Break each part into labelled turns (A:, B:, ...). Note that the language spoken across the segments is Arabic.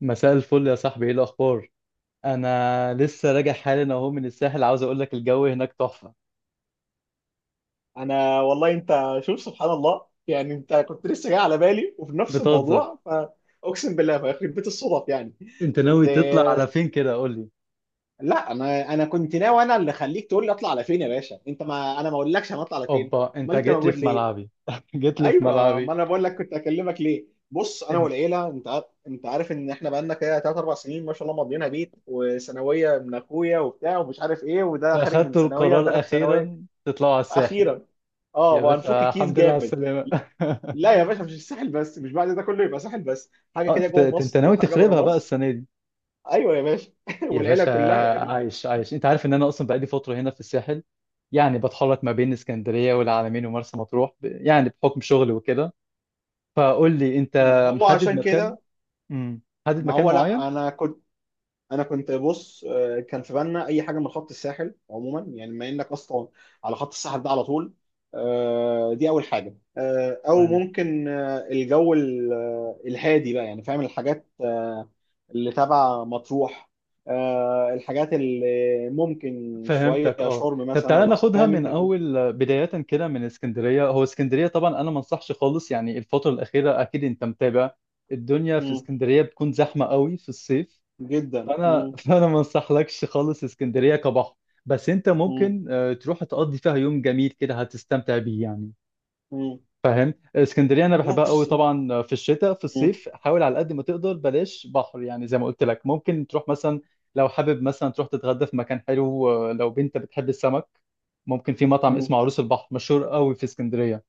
A: مساء الفل يا صاحبي، ايه الاخبار؟ انا لسه راجع حالا اهو من الساحل، عاوز اقول لك الجو هناك تحفه.
B: انا والله انت شوف، سبحان الله يعني، انت كنت لسه جاي على بالي وفي نفس
A: بتهزر؟
B: الموضوع، فاقسم بالله فيخرب بيت الصدف يعني.
A: انت
B: كنت.
A: ناوي تطلع على فين كده؟ قول لي.
B: لا، انا كنت ناوي، انا اللي خليك تقول لي اطلع على فين يا باشا، انت. ما انا ما اقولكش انا اطلع على فين.
A: اوبا، انت
B: امال انت
A: جيت لي
B: موجود
A: في
B: ليه؟
A: ملعبي جيت لي في
B: ايوه، ما
A: ملعبي.
B: انا بقول لك كنت اكلمك ليه. بص، انا
A: انت
B: والعيله، انت عارف ان احنا بقالنا كده 3 4 سنين ما شاء الله، مضينا بيت وثانويه من اخويا وبتاع ومش عارف ايه، وده خارج من
A: اخدت
B: ثانويه
A: القرار
B: وداخل في ثانويه.
A: اخيرا تطلعوا على الساحل؟
B: اخيرا. اه،
A: يا
B: وهنفك
A: باشا
B: كيس
A: الحمد لله على
B: جامد.
A: السلامه
B: لا يا باشا، مش الساحل بس، مش بعد ده كله يبقى ساحل بس، حاجه
A: اه،
B: كده
A: انت
B: جوه
A: انت
B: مصر
A: ناوي
B: وحاجه بره
A: تخربها بقى
B: مصر.
A: السنه دي؟
B: ايوه يا باشا
A: يا
B: والعيله
A: باشا،
B: كلها يعني.
A: عايش عايش، انت عارف ان انا اصلا بقالي فتره هنا في الساحل. يعني بتحرك ما بين اسكندريه والعلمين ومرسى مطروح، يعني بحكم شغلي وكده. فقول لي انت،
B: ما هو
A: محدد
B: عشان
A: مكان؟
B: كده.
A: امم محدد
B: ما
A: مكان
B: هو
A: معين؟
B: لا، انا كنت بص، كان في بالنا اي حاجه من خط الساحل عموما، يعني بما انك اصلا على خط الساحل ده على طول. دي اول حاجه، او
A: تمام.
B: ممكن الجو الهادي بقى، يعني فاهم، الحاجات اللي تبع مطروح، الحاجات اللي ممكن شويه
A: فهمتك. اه،
B: شرم
A: طب
B: مثلا
A: تعالى
B: ولا حاجة.
A: ناخدها
B: فاهم
A: من
B: انت الفكره؟
A: اول بداية كده من اسكندرية. هو اسكندرية طبعا انا ما انصحش خالص، يعني الفترة الأخيرة اكيد انت متابع الدنيا في
B: مم،
A: اسكندرية بتكون زحمة قوي في الصيف.
B: جدا.
A: فانا
B: مم،
A: فانا ما انصحلكش خالص اسكندرية كبحر. بس انت
B: مم،
A: ممكن تروح تقضي فيها يوم جميل كده هتستمتع بيه يعني.
B: مم.
A: فاهم؟ اسكندريه انا بحبها قوي
B: بص.
A: طبعا في الشتاء. في
B: مم،
A: الصيف حاول على قد ما تقدر بلاش بحر، يعني زي ما قلت لك ممكن تروح مثلا لو حابب مثلا تروح تتغدى في مكان حلو لو بنت بتحب السمك ممكن في مطعم
B: مم،
A: اسمه عروس البحر، مشهور قوي في اسكندريه.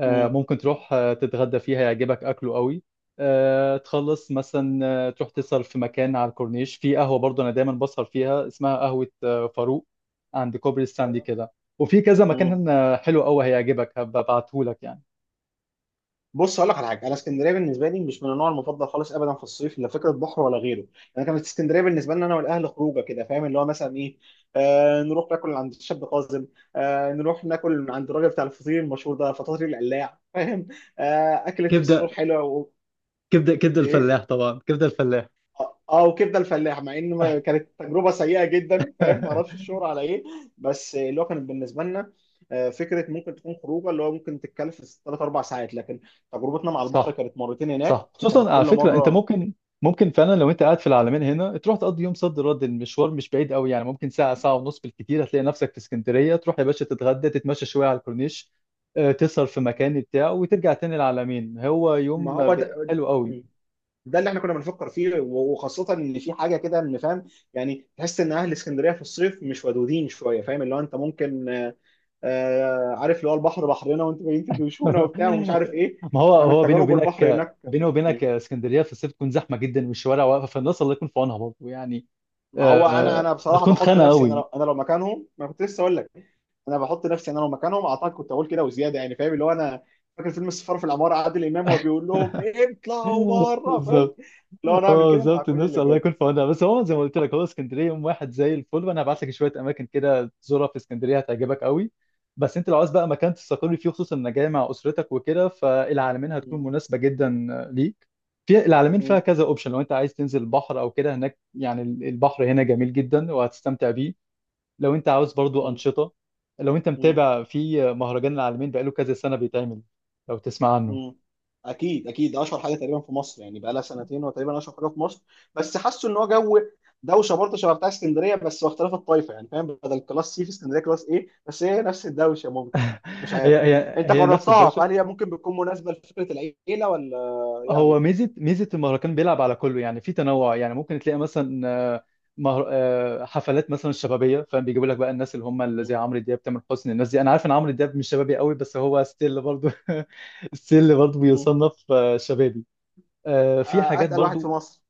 B: مم.
A: ممكن تروح تتغدى فيه هيعجبك اكله قوي. تخلص مثلا تروح تسهر في مكان على الكورنيش في قهوه، برضه انا دايما بسهر فيها اسمها قهوه فاروق، عند كوبري ستانلي
B: أيوة.
A: كده. وفي كذا مكان حلو قوي هيعجبك هبقى ابعتهولك يعني.
B: بص اقول لك على حاجه، انا اسكندريه بالنسبه لي مش من النوع المفضل خالص ابدا في الصيف، لا فكره بحر ولا غيره. انا كانت اسكندريه بالنسبه لنا انا والاهل خروجه كده، فاهم اللي هو مثلا ايه؟ آه، نروح ناكل عند الشاب قاسم، آه، نروح ناكل من عند الراجل بتاع الفطير المشهور ده، فطاطير القلاع، فاهم. آه، اكله فسفور
A: كبده،
B: حلوه و...
A: كبده، كبده
B: ايه.
A: الفلاح طبعا، كبده الفلاح.
B: اه آه، وكبده الفلاح، مع ان كانت تجربه سيئه جدا، فاهم، ما اعرفش الشهر على ايه. بس اللي هو كانت بالنسبه لنا آه، فكره ممكن تكون خروجه اللي هو ممكن تتكلف ثلاث اربع ساعات، لكن تجربتنا مع البحر
A: صح،
B: كانت مرتين هناك،
A: صح،
B: كانت
A: خصوصا
B: كل
A: على فكره. انت
B: مره.
A: ممكن فعلا لو انت قاعد في العالمين هنا تروح تقضي يوم صد رد، المشوار مش بعيد قوي، يعني ممكن ساعه ساعه ونص بالكتير هتلاقي نفسك في اسكندريه، تروح يا باشا تتغدى تتمشى شويه على الكورنيش تسهر في مكان بتاع وترجع تاني العالمين. هو
B: ما
A: يوم
B: هو ده،
A: حلو قوي.
B: ده اللي احنا كنا بنفكر فيه وخاصه ان في حاجه كده، ان فاهم، يعني تحس ان اهل اسكندريه في الصيف مش ودودين شويه، فاهم اللي هو، انت ممكن عارف اللي هو البحر بحرنا، وانتوا جايين تدوشونا وبتاع ومش عارف ايه.
A: ما هو
B: فكانت
A: هو بيني
B: تجارب البحر
A: وبينك
B: هناك.
A: بيني وبينك اسكندريه في الصيف تكون زحمه جدا والشوارع واقفه، فالناس الله يكون في عونها برضه يعني.
B: ما هو انا انا بصراحه
A: بتكون
B: بحط
A: خانه
B: نفسي، انا لو،
A: قوي.
B: انا لو مكانهم، ما كنت لسه اقول لك. انا بحط نفسي انا لو مكانهم، اعتقد كنت اقول كده وزياده، يعني فاهم اللي هو انا فاكر فيلم السفاره في العماره، عادل امام، وبيقول لهم إيه؟ اطلعوا بره، فاهم،
A: بالظبط.
B: لو انا اعمل
A: اه
B: كده مع
A: بالظبط
B: كل
A: الناس
B: اللي
A: الله
B: جاي.
A: يكون في عونها، بس هو زي ما قلت لك، هو اسكندريه يوم واحد زي الفل، وانا هبعت لك شويه اماكن كده تزورها في اسكندريه هتعجبك قوي. بس انت لو عايز بقى مكان تستقر فيه خصوصا انك جاي مع اسرتك وكده فالعلمين هتكون
B: م-
A: مناسبه جدا ليك. في العلمين فيها
B: م-
A: كذا اوبشن، لو انت عايز تنزل البحر او كده هناك، يعني البحر هنا جميل جدا وهتستمتع بيه. لو انت عاوز برضو
B: م-
A: انشطه، لو انت
B: م.
A: متابع في مهرجان العالمين بقاله كذا سنه بيتعمل. لو تسمع عنه.
B: مم. اكيد اكيد، اشهر حاجه تقريبا في مصر، يعني بقى لها سنتين هو تقريبا اشهر حاجه في مصر، بس حاسه ان هو جو دوشه برضه شبه بتاع اسكندريه بس، واختلاف الطائفه يعني، فاهم، بدل كلاس سي في اسكندريه كلاس ايه، بس هي نفس الدوشه ممكن. مش
A: هي
B: عارف.
A: هي
B: انت
A: هي نفس
B: جربتها،
A: الدوشه.
B: فهل هي ممكن بتكون مناسبه لفكره العيله ولا
A: هو
B: يعني؟
A: ميزه المهرجان بيلعب على كله يعني في تنوع. يعني ممكن تلاقي مثلا آه، مهر... آه، حفلات مثلا شبابيه، فاهم؟ بيجيبوا لك بقى الناس اللي هم اللي
B: مم.
A: زي عمرو دياب، تامر حسني، الناس دي. انا عارف ان عمرو دياب مش شبابي قوي، بس هو ستيل برضو. ستيل برضو
B: مم.
A: بيصنف شبابي. في حاجات
B: اتقل واحد في
A: برضو.
B: مصر.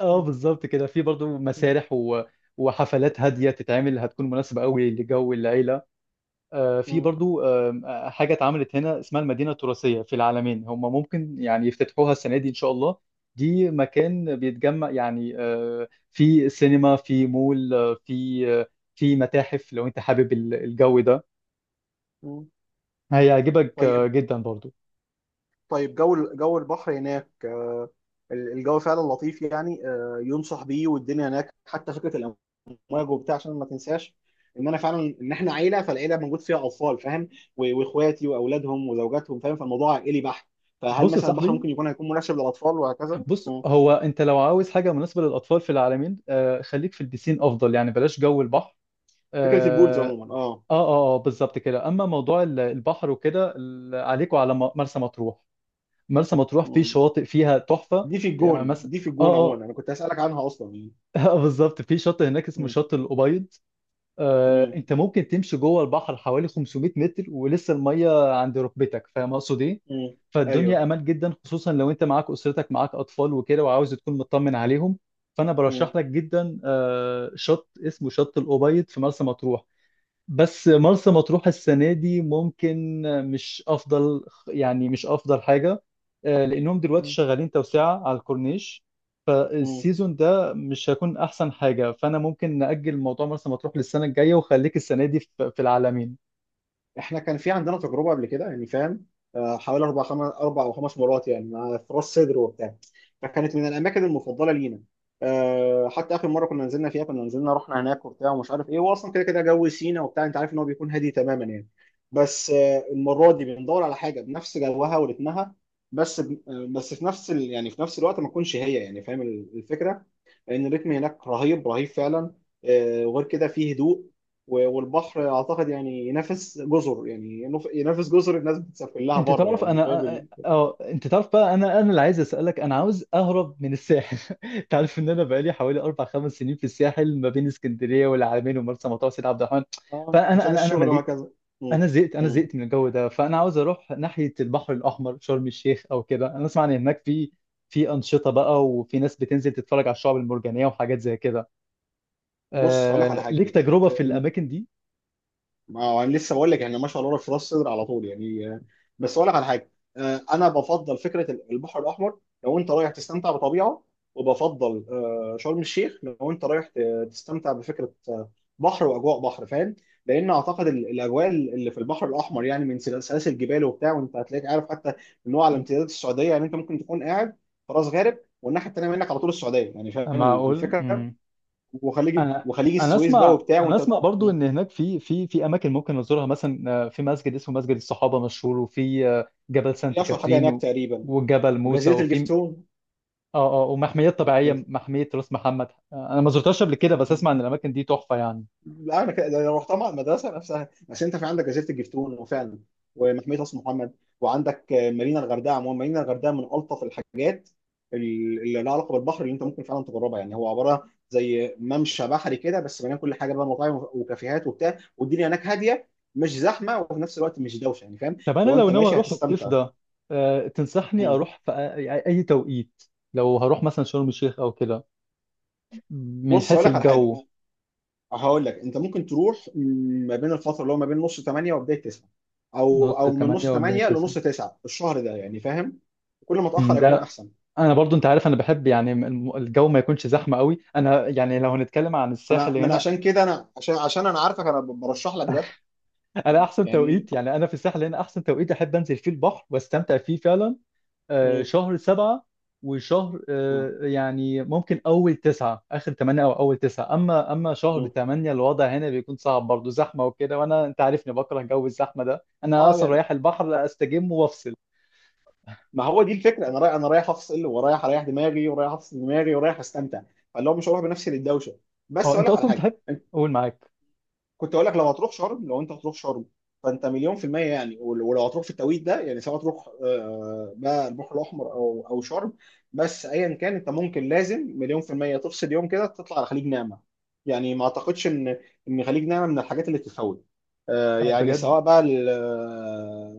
A: اه
B: مم.
A: بالظبط كده، في برضو
B: مم.
A: مسارح و... وحفلات هاديه تتعمل هتكون مناسبه قوي لجو العيله. في
B: مم.
A: برضو آم، آه، حاجة اتعملت هنا اسمها المدينة التراثية في العالمين، هم ممكن يعني يفتتحوها السنة دي إن شاء الله. دي مكان بيتجمع، يعني في سينما، في مول في متاحف لو أنت حابب الجو ده
B: مم.
A: هيعجبك
B: طيب.
A: جدا برضو.
B: طيب، جو جو البحر هناك، الجو فعلا لطيف يعني، آه، ينصح بيه، والدنيا هناك حتى فكره واجب وبتاع، عشان ما تنساش ان انا فعلا، ان احنا عيله، فالعيله موجود فيها اطفال، فاهم، واخواتي واولادهم وزوجاتهم، فاهم، فالموضوع عائلي بحت. فهل
A: بص يا
B: مثلا البحر
A: صاحبي،
B: ممكن يكون، هيكون مناسب للاطفال وهكذا؟
A: بص
B: مم.
A: هو أنت لو عاوز حاجة مناسبة للأطفال في العالمين خليك في البسين أفضل، يعني بلاش جو البحر.
B: فكره البولز
A: اه.
B: عموما، اه.
A: اه, بالظبط كده. اما موضوع البحر وكده عليكوا على مرسى مطروح. مرسى مطروح في
B: مم.
A: شواطئ فيها تحفة.
B: دي في
A: يعني
B: الجون،
A: مثلا،
B: دي في الجون
A: اه، اه،
B: عموما انا كنت هسالك عنها اصلا يعني.
A: بالظبط، في شاطئ هناك اسمه
B: مم.
A: شاطئ الأبيض. آه
B: مم.
A: انت ممكن تمشي جوه البحر حوالي 500 متر ولسه المية عند ركبتك، فاهم اقصد ايه؟
B: مم.
A: فالدنيا
B: ايوه.
A: امان جدا، خصوصا لو انت معاك اسرتك معاك اطفال وكده وعاوز تكون مطمن عليهم. فانا
B: مم.
A: برشح لك جدا آه شط اسمه شط الأبيض في مرسى مطروح. بس مرسى مطروح السنة دي ممكن مش أفضل، يعني مش أفضل حاجة لأنهم دلوقتي شغالين توسعة على الكورنيش،
B: مم.
A: فالسيزون ده مش هيكون أحسن حاجة. فأنا ممكن نأجل موضوع مرسى مطروح للسنة الجاية وخليك السنة دي في العالمين.
B: احنا كان في عندنا تجربه قبل كده يعني، فاهم، آه، حوالي اربع خمس، اربع او خمس مرات يعني، مع في راس صدر وبتاع، فكانت من الاماكن المفضله لينا. آه، حتى اخر مره كنا نزلنا فيها، كنا نزلنا رحنا هناك وبتاع ومش عارف ايه، واصلا كده كده جو سينا وبتاع، انت عارف ان هو بيكون هادي تماما يعني. بس آه، المره دي بندور على حاجه بنفس جوها ورتمها، بس بس في نفس ال... يعني في نفس الوقت ما تكونش هي يعني، فاهم الفكره، لان الريتم هناك رهيب، رهيب فعلا. آه، وغير كده فيه هدوء، والبحر اعتقد يعني ينافس جزر، يعني ينافس جزر الناس بتسافر لها
A: أنت
B: بره،
A: تعرف
B: يعني
A: أنا
B: فاهم
A: أه
B: ال...
A: آه، أنت تعرف بقى أنا اللي عايز أسألك. أنا عاوز أهرب من الساحل أنت عارف إن أنا بقالي حوالي 4 5 سنين في الساحل، ما بين اسكندرية والعالمين ومرسى مطروح وسيد عبد الرحمن.
B: آه،
A: فأنا
B: عشان
A: أنا أنا
B: الشغل
A: مليت،
B: وهكذا. مم.
A: انا زهقت، انا
B: مم.
A: زهقت من الجو ده. فانا عاوز اروح ناحيه البحر الاحمر، شرم الشيخ او كده. انا اسمع ان هناك في انشطه بقى وفي ناس بتنزل تتفرج على الشعب المرجانيه وحاجات زي كده.
B: بص هقول لك على
A: ليك
B: حاجه،
A: تجربه في
B: آه،
A: الاماكن دي؟
B: ما هو انا لسه بقول لك يعني، ما شاء الله في راس صدر على طول يعني، آه، بس اقول لك على حاجه، آه، انا بفضل فكره البحر الاحمر لو انت رايح تستمتع بطبيعه، وبفضل آه، شرم الشيخ لو انت رايح تستمتع بفكره بحر واجواء بحر، فاهم، لان اعتقد الاجواء اللي في البحر الاحمر يعني، من سلاسل جبال وبتاع، وانت هتلاقيك عارف حتى ان هو على امتداد السعوديه يعني، انت ممكن تكون قاعد في راس غارب والناحيه التانيه منك على طول السعوديه، يعني فاهم
A: معقول.
B: الفكره، وخليج،
A: انا
B: وخليج
A: انا
B: السويس بقى
A: اسمع
B: وبتاع،
A: انا
B: وانت.
A: اسمع برضو ان هناك في اماكن ممكن نزورها، مثلا في مسجد اسمه مسجد الصحابه مشهور، وفي جبل
B: هو دي
A: سانت
B: اشهر حاجه
A: كاترين
B: هناك تقريبا.
A: وجبل موسى،
B: وجاذريه
A: وفي
B: الجفتون.
A: اه ومحميات طبيعيه، محميه راس محمد. انا ما زرتهاش قبل كده بس اسمع ان الاماكن دي تحفه يعني.
B: لا انا كده لو رحتها مع المدرسه نفسها، بس انت في عندك جزيره الجفتون، وفعلا ومحميه راس محمد، وعندك آه، مارينا الغردقه، عموما مارينا الغردقه من الطف الحاجات اللي لها علاقه بالبحر، اللي انت ممكن فعلا تجربها يعني، هو عباره زي ممشى بحري كده بس مليان كل حاجه بقى، مطاعم وكافيهات وبتاع، والدنيا هناك هاديه، مش زحمه وفي نفس الوقت مش دوشه، يعني فاهم.
A: طب انا
B: لو
A: لو
B: انت
A: ناوي
B: ماشي
A: اروح الصيف
B: هتستمتع.
A: ده تنصحني
B: مم.
A: اروح في يعني اي توقيت لو هروح مثلا شرم الشيخ او كده من
B: بص هقول
A: حيث
B: لك على حاجه.
A: الجو؟
B: هقول لك انت ممكن تروح ما بين الفتره اللي هو ما بين نص 8 وبدايه 9، او
A: نص
B: او من
A: 8
B: نص
A: وبداية
B: 8
A: 9.
B: لنص 9 الشهر ده، يعني فاهم، كل ما اتاخر يكون
A: ده
B: احسن.
A: انا برضو انت عارف انا بحب يعني الجو ما يكونش زحمه قوي. انا يعني لو هنتكلم عن
B: انا
A: الساحل
B: من
A: هنا،
B: عشان كده، انا عشان، عشان انا عارفك انا برشح لك ده.
A: انا
B: مم.
A: احسن
B: يعني
A: توقيت، يعني انا في الساحل هنا احسن توقيت احب انزل فيه البحر واستمتع فيه فعلا
B: مم.
A: شهر 7 وشهر
B: مم.
A: يعني ممكن أول 9 آخر 8 أو أول 9. أما شهر
B: مم.
A: تمانية الوضع هنا بيكون صعب برضه، زحمة وكده. وأنا أنت عارفني بكره جو الزحمة ده. أنا
B: اه
A: أصلا
B: يعني،
A: رايح البحر أستجم وأفصل.
B: ما هو دي الفكره، انا رايح، انا رايح افصل، ورايح اريح دماغي، ورايح افصل دماغي، ورايح استمتع، فاللي هو مش هروح بنفسي للدوشه.
A: هو
B: بس اقول
A: أنت
B: لك على
A: أصلا
B: حاجه.
A: تحب أقول معاك
B: كنت اقول لك لو هتروح شرم، لو انت هتروح شرم فانت مليون في المية يعني، ولو هتروح في التوقيت ده يعني، سواء تروح بقى البحر الاحمر او او شرم، بس ايا كان انت ممكن، لازم مليون في المية تفصل يوم كده تطلع على خليج نعمة، يعني ما اعتقدش ان، ان خليج نعمة من الحاجات اللي تتفوت. آه،
A: أنا
B: يعني
A: بجد.
B: سواء بقى ال-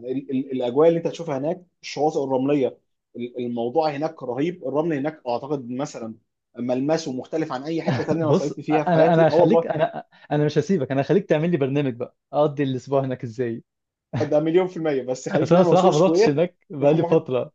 B: ال- ال- الاجواء اللي انت هتشوفها هناك، الشواطئ الرملية، الموضوع هناك رهيب، الرمل هناك اعتقد مثلا ملمسه مختلف عن اي حتة تانية انا
A: بص
B: صيفت فيها في
A: أنا
B: حياتي، اه
A: هخليك،
B: والله.
A: أنا مش هسيبك، أنا هخليك تعمل لي برنامج بقى أقضي الأسبوع هناك إزاي.
B: آه، ده مليون في المية، بس
A: بس
B: خليج
A: أنا
B: نعمة
A: صراحة
B: وسوق
A: ما رحتش
B: سكوير،
A: هناك بقالي
B: رقم واحد.
A: فترة.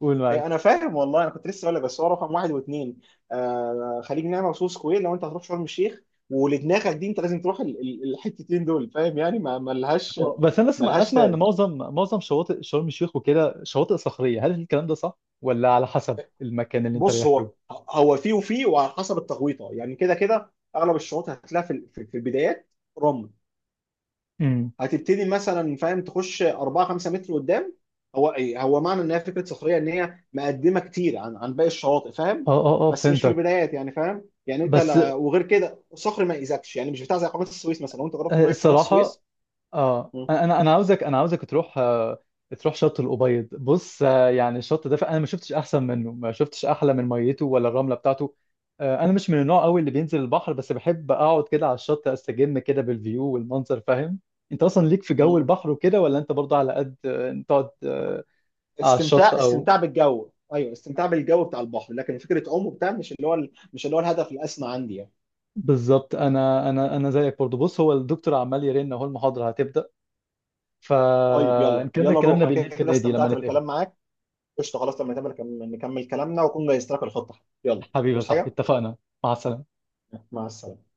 A: قول
B: أي
A: معاك.
B: أنا فاهم والله، أنا كنت لسه أقول لك، بس هو رقم واحد واثنين، آه خليج نعمة وسوق سكوير لو أنت هتروح شرم الشيخ، ولدماغك دي أنت لازم تروح الحتتين دول، فاهم يعني، ما ملهاش،
A: اه بس انا اسمع
B: ملهاش
A: اسمع ان
B: تاني.
A: معظم شواطئ شرم الشيخ وكده شواطئ صخريه، هل الكلام ده صح ولا على حسب المكان اللي انت
B: بص
A: رايح له؟
B: هو، هو فيه وفيه، وعلى حسب التغويطة، يعني كده كده أغلب الشروط هتلاقيها في في البدايات رمل،
A: امم.
B: هتبتدي مثلا فاهم تخش 4 5 متر قدام، هو ايه هو معنى ان هي فكره صخريه، ان هي مقدمه كتير عن عن باقي الشواطئ، فاهم،
A: اه اه اه
B: بس مش في
A: فهمتك.
B: البدايات يعني فاهم، يعني انت
A: بس
B: لا، وغير كده صخر ما يأذكش يعني، مش بتاع زي قناه السويس مثلا لو انت جربت ميه قناه
A: الصراحه
B: السويس.
A: اه
B: م-
A: انا عاوزك تروح تروح شط الابيض. بص يعني الشط ده انا ما شفتش احسن منه، ما شفتش احلى من ميته ولا الرمله بتاعته. انا مش من النوع قوي اللي بينزل البحر، بس بحب اقعد كده على الشط استجم كده بالفيو والمنظر، فاهم؟ انت اصلا ليك في جو
B: م-
A: البحر وكده ولا انت برضه على قد تقعد على الشط
B: استمتاع،
A: او
B: استمتاع بالجو، ايوه استمتاع بالجو بتاع البحر، لكن فكره عوم وبتاع مش اللي هو مش اللي هو الهدف الاسمى عندي يعني.
A: بالظبط. انا انا
B: مم.
A: انا زيك برضه. بص، هو الدكتور عمال يرن اهو، المحاضره هتبدا،
B: طيب يلا،
A: فنكمل
B: يلا نروح،
A: كلامنا
B: انا كده
A: بالليل في
B: كده
A: النادي لما
B: استمتعت
A: نتقابل.
B: بالكلام معاك. قشطه خلاص، لما نكمل، نكمل كلامنا واكون جهزت لك الخطه. يلا.
A: حبيبي يا
B: بص
A: صاحبي،
B: حاجه.
A: اتفقنا. مع السلامه.
B: مع السلامة.